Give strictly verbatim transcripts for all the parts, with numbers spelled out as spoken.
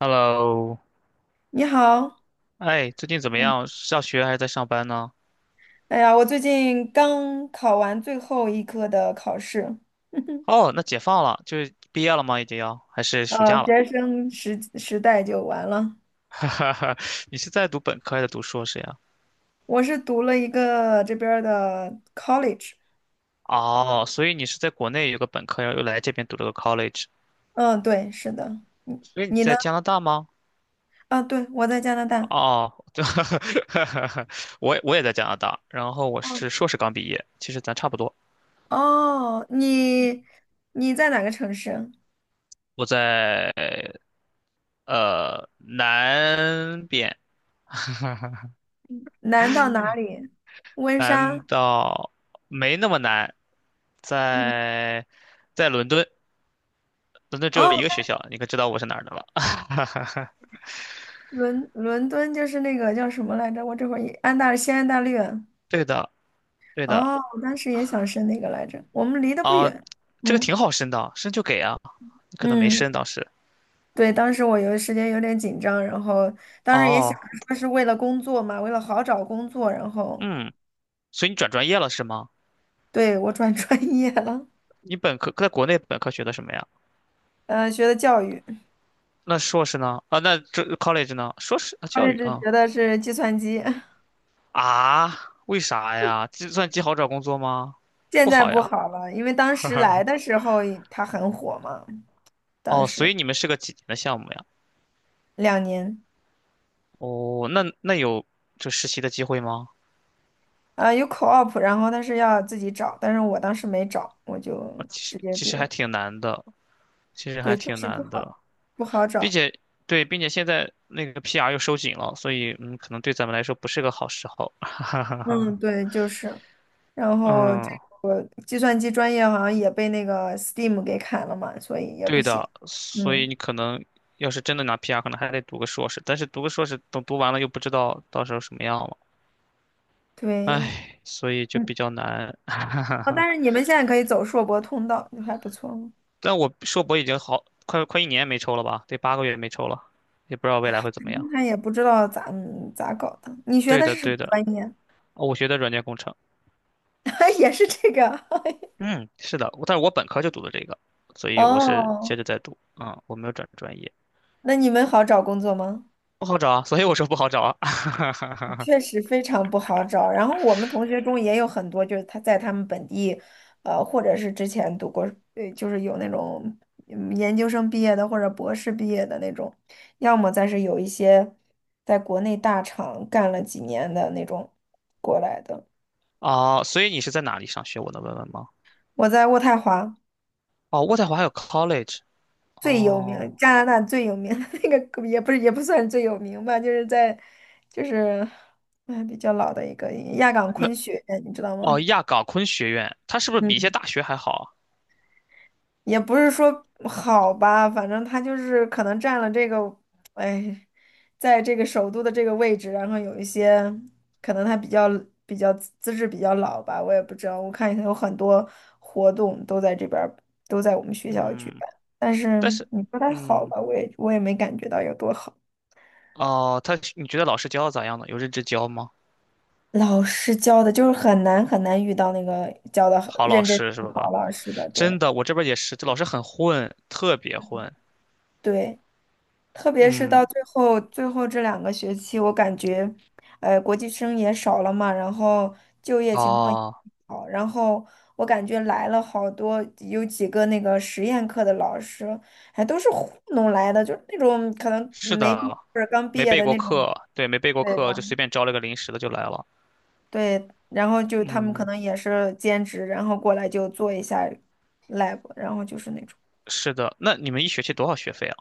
Hello，你好。哎，最近怎么嗯样？上学还是在上班呢？哎呀，我最近刚考完最后一科的考试。哦，那解放了，就是毕业了吗？已经要，还是暑啊，假了？学生时时代就完了。哈哈你是在读本科还是读硕士呀？我是读了一个这边儿的 college。哦，所以你是在国内有个本科，然后又来这边读了个 college，嗯，对，是的。你所以你你呢？在加拿大吗？啊，对，我在加拿大。哦，对，我也我也在加拿大，然后我哦是硕士刚毕业，其实咱差不多。哦，你你在哪个城市啊？我在呃南边，南到哪里？温莎？难道没那么难？嗯。在在伦敦，伦敦只哦，有一个学校，你可知道我是哪儿的了？伦伦敦就是那个叫什么来着？我这会儿也安大西安大略。对的，对的。哦，我当时也想申那个来着，我们离得不哦，远。这个嗯挺好申的，申就给啊。你可能没嗯，申当时。对，当时我有时间有点紧张，然后当时也想哦，着说是为了工作嘛，为了好找工作，然后嗯，所以你转专业了是吗？对我转 专业了，你本科在国内本科学的什么呀？呃，学的教育 c 那硕士呢？啊，那这 college 呢？硕士啊，o l 教 l 育 e 啊学的是计算机，啊？为啥呀？计算机好找工作吗？现不在好不呀。好了，因为当时来的时候也它很火嘛，当哦，所时以你们是个几年的项目呀？两年，哦，那那有这实习的机会吗？啊有 co-op，然后但是要自己找，但是我当时没找，我啊，就其实直接其毕实还业，挺难的，其实还对，确挺实不难好，的，不好并找。且对，并且现在那个 P R 又收紧了，所以嗯，可能对咱们来说不是个好时候。嗯，对，就是，然后这嗯，个计算机专业好像也被那个 Steam 给砍了嘛，所以也不对行。的，所以嗯，你可能要是真的拿 P R，可能还得读个硕士，但是读个硕士等读完了又不知道到时候什么样了，对，唉，所以就嗯，比较难。啊，但 是你们现在可以走硕博通道，就还不错。但我硕博已经好快快一年没抽了吧，得八个月没抽了，也不知道未来会怎么样。他也不知道咋嗯咋搞的。你学对的的，是什么对的。专业？哦我学的软件工程，也是这个。嗯，是的，但是我本科就读的这个，所 以我是哦，接着在读，嗯，我没有转专业，那你们好找工作吗？不好找啊，所以我说不好找啊，确实非常不好找。然后我们同学中也有很多，就是他在他们本地，呃，或者是之前读过，对，就是有那种嗯研究生毕业的或者博士毕业的那种，要么再是有一些在国内大厂干了几年的那种过来的。哦，所以你是在哪里上学？我能问问吗？我在渥太华哦，渥太华还有 college，最有哦，名，加拿大最有名的 那个也不是也不算最有名吧，就是在就是哎比较老的一个亚岗那昆学院你知道哦吗？亚冈昆学院，它是不是比一些嗯，大学还好啊也不是说好吧，反正他就是可能占了这个，哎，在这个首都的这个位置，然后有一些可能他比较比较资质比较老吧，我也不知道。我看有很多活动都在这边儿都在我们学校举嗯，办，但是但是，你说它好嗯，吧，我也我也没感觉到有多好。哦，他你觉得老师教的咋样呢？有认真教吗？老师教的就是很难很难遇到那个教的好老认真师是教好吧？老师的，对真的，我这边也是，这老师很混，特别混，对。特别是到嗯，最后最后这两个学期，我感觉，呃，国际生也少了嘛，然后就业情况也哦，不好，然后我感觉来了好多，有几个那个实验课的老师，还都是糊弄来的，就是那种可能是没毕业的。或者刚毕没业备的过那种，课，对，没备过对，然课，就随后便招了个临时的就来了。对，然后就他们可嗯，能也是兼职，然后过来就做一下 lab,然后就是那种。是的。那你们一学期多少学费啊？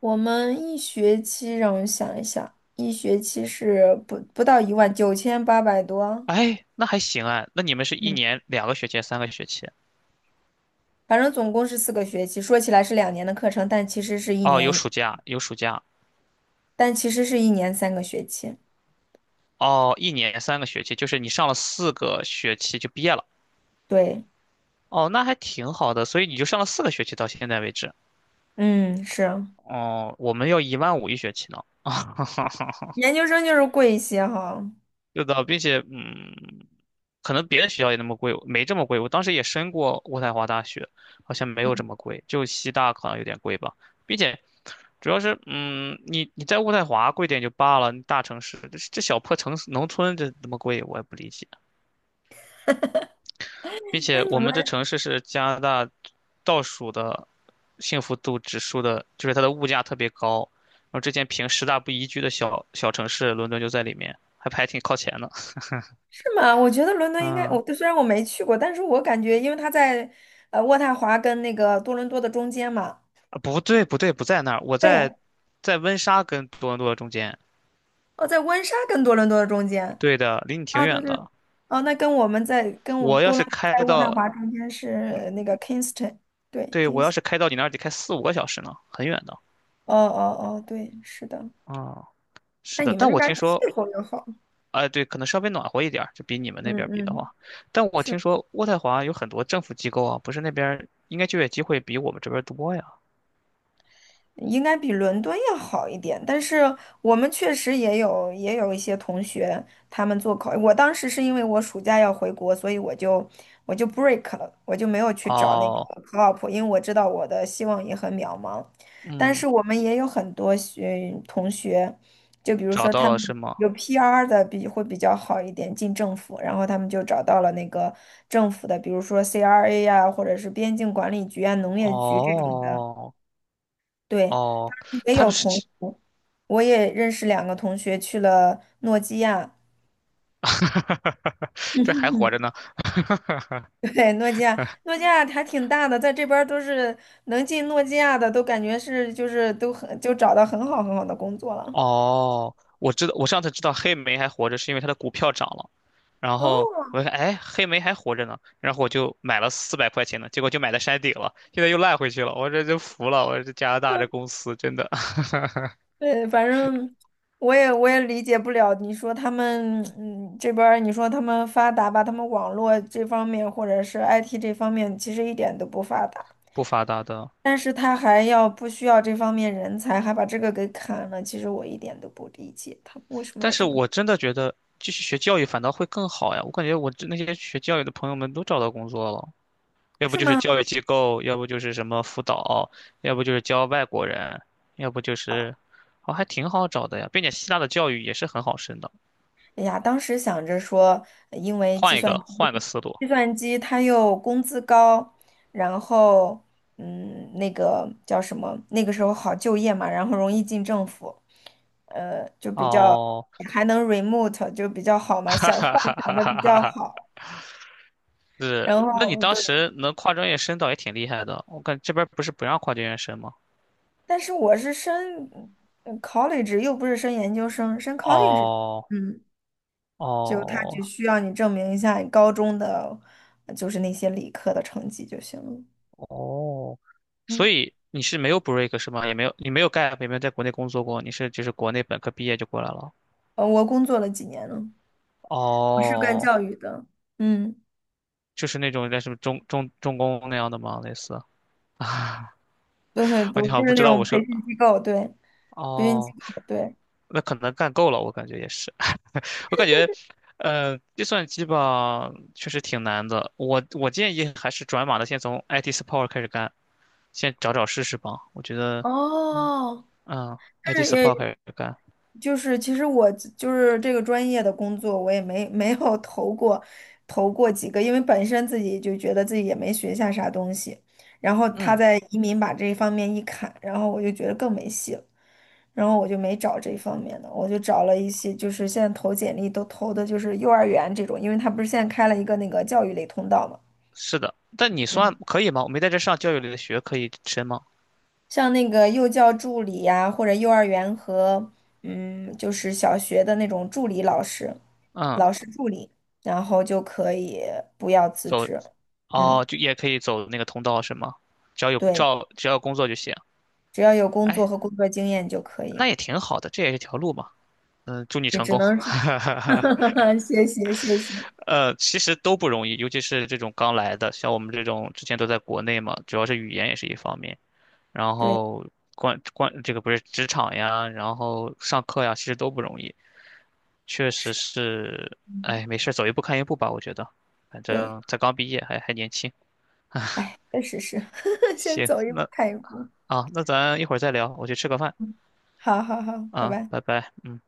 我们一学期让我想一想，一学期是不不到一万九千八百多。哎，那还行哎。那你们是一嗯，年两个学期，三个学期？反正总共是四个学期。说起来是两年的课程，但其实是一哦，有年，暑假，有暑假。但其实是一年三个学期。哦，一年三个学期，就是你上了四个学期就毕业了。对，哦，那还挺好的，所以你就上了四个学期到现在为止。嗯，是哦，我们要一万五一学期呢。研究生就是贵一些哈。是的，并且嗯，可能别的学校也那么贵，没这么贵。我当时也申过渥太华大学，好像没有这嗯么贵，就西大可能有点贵吧。并且主要是嗯，你你在渥太华贵点就罢了，你大城市这这小破城市农村这那么贵，我也不理解。并那且你我们们这城市是加拿大倒数的幸福度指数的，就是它的物价特别高。然后之前评十大不宜居的小小城市，伦敦就在里面，还排挺靠前的。是吗？我觉得 伦敦应该，嗯。我虽然我没去过，但是我感觉，因为它在呃渥太华跟那个多伦多的中间嘛，啊，不对，不对，不在那儿，我在对，在温莎跟多伦多中间。哦，在温莎跟多伦多的中间。对的，离你挺啊，对远对，的。哦，那跟我们在跟我我要多是伦多开在渥太到，华中间是那个 Kingston,对对，金 我 i 要是开到你那儿得开四五个小时呢，很远的。哦哦哦对，是的。啊、是那的，你们但那我边听儿说，气候又好，哎、对，可能稍微暖和一点儿，就比你们嗯那边儿比的嗯。话。但我是。听说渥太华有很多政府机构啊，不是那边儿应该就业机会比我们这边儿多呀。应该比伦敦要好一点，但是我们确实也有也有一些同学，他们做考，我当时是因为我暑假要回国，所以我就我就 break 了，我就没有去找那哦，个 co-op,因为我知道我的希望也很渺茫。但是嗯，我们也有很多学同学，就比如找说他到们了是吗？有 P R 的比会比较好一点，进政府，然后他们就找到了那个政府的，比如说 C R A 呀、或者是边境管理局啊、农业局这种的，哦对。哦，也他不有同是 学，我也认识两个同学去了诺基亚。嗯这还哼活着哼，呢。对，诺基亚，诺基亚还挺大的，在这边儿都是能进诺基亚的，都感觉是就是都很就找到很好很好的工作了。哦，我知道，我上次知道黑莓还活着，是因为它的股票涨了。然后哦，我一看，哎，黑莓还活着呢，然后我就买了四百块钱的，结果就买在山顶了，现在又烂回去了，我这就服了，我这加拿大这公司真的 对，反正我也我也理解不了，你说他们嗯这边儿你说他们发达吧，他们网络这方面或者是 I T 这方面其实一点都不发达。不发达的。但是他还要不需要这方面人才，还把这个给砍了。其实我一点都不理解他为什么要但这是么，我真的觉得继续学教育反倒会更好呀，我感觉我这那些学教育的朋友们都找到工作了，要不是就是吗？教育机构，要不就是什么辅导，要不就是教外国人，要不就是，哦，还挺好找的呀，并且希腊的教育也是很好升的。哎呀，当时想着说，呃因为计换一算个，机，换个思路。计算机它又工资高，然后嗯，那个叫什么？那个时候好就业嘛，然后容易进政府，呃，就比较哦，还能 remote,就比较好 嘛，哈想哈幻哈想哈的哈比哈较哈！好。是，然那你后当对时能跨专业申到也挺厉害的。我感这边儿不是不让跨专业申吗？但是我是升嗯 college,又不是升研究生，升 college。 哦嗯，就他哦只需要你证明一下你高中的，呃就是那些理科的成绩就行了。哦，嗯，所以你是没有 break 是吗？也没有，你没有干，也没有在国内工作过，你是就是国内本科毕业就过来了。呃，我工作了几年了，我是干哦，教育的。嗯，就是那种在什么中中重工那样的吗？类似啊，对，啊不你好就像不是那知道种我培说训机构，对，培训机哦，构，对。那可能干够了，我感觉也是。我感觉，呃，计算机吧，确实挺难的。我我建议还是转码的，先从 I T support 开始干，先找找试试吧。我觉得，哦，嗯但，I T 是也 support 开始干，就是其实我就是这个专业的工作，我也没没有投过，投过几个，因为本身自己就觉得自己也没学下啥东西，然后他嗯，在移民把这一方面一砍，然后我就觉得更没戏了，然后我就没找这一方面的，我就找了一些就是现在投简历都投的就是幼儿园这种，因为他不是现在开了一个那个教育类通道嘛。是的。但你算可以吗？我没在这上教育类的学，可以申吗？像那个幼教助理呀、或者幼儿园和嗯，就是小学的那种助理老师，嗯，老师助理，然后就可以不要辞走，职。哦，嗯，就也可以走那个通道是吗？只要有对，照，只要有工作就行。只要有工作哎，和工作经验就可以。那也挺好的，这也是条路嘛。嗯，祝你也成只功。能说，谢谢谢谢。呃，其实都不容易，尤其是这种刚来的，像我们这种之前都在国内嘛，主要是语言也是一方面，然对，后关关这个不是职场呀，然后上课呀，其实都不容易，确是，实是，嗯，哎，没事儿走一步看一步吧，我觉得，反对，正才刚毕业，还还年轻。哎，确实是，先行，走一步那看一步。啊，那咱一会儿再聊，我去吃个饭嗯，好好好，拜啊，拜。拜拜。嗯。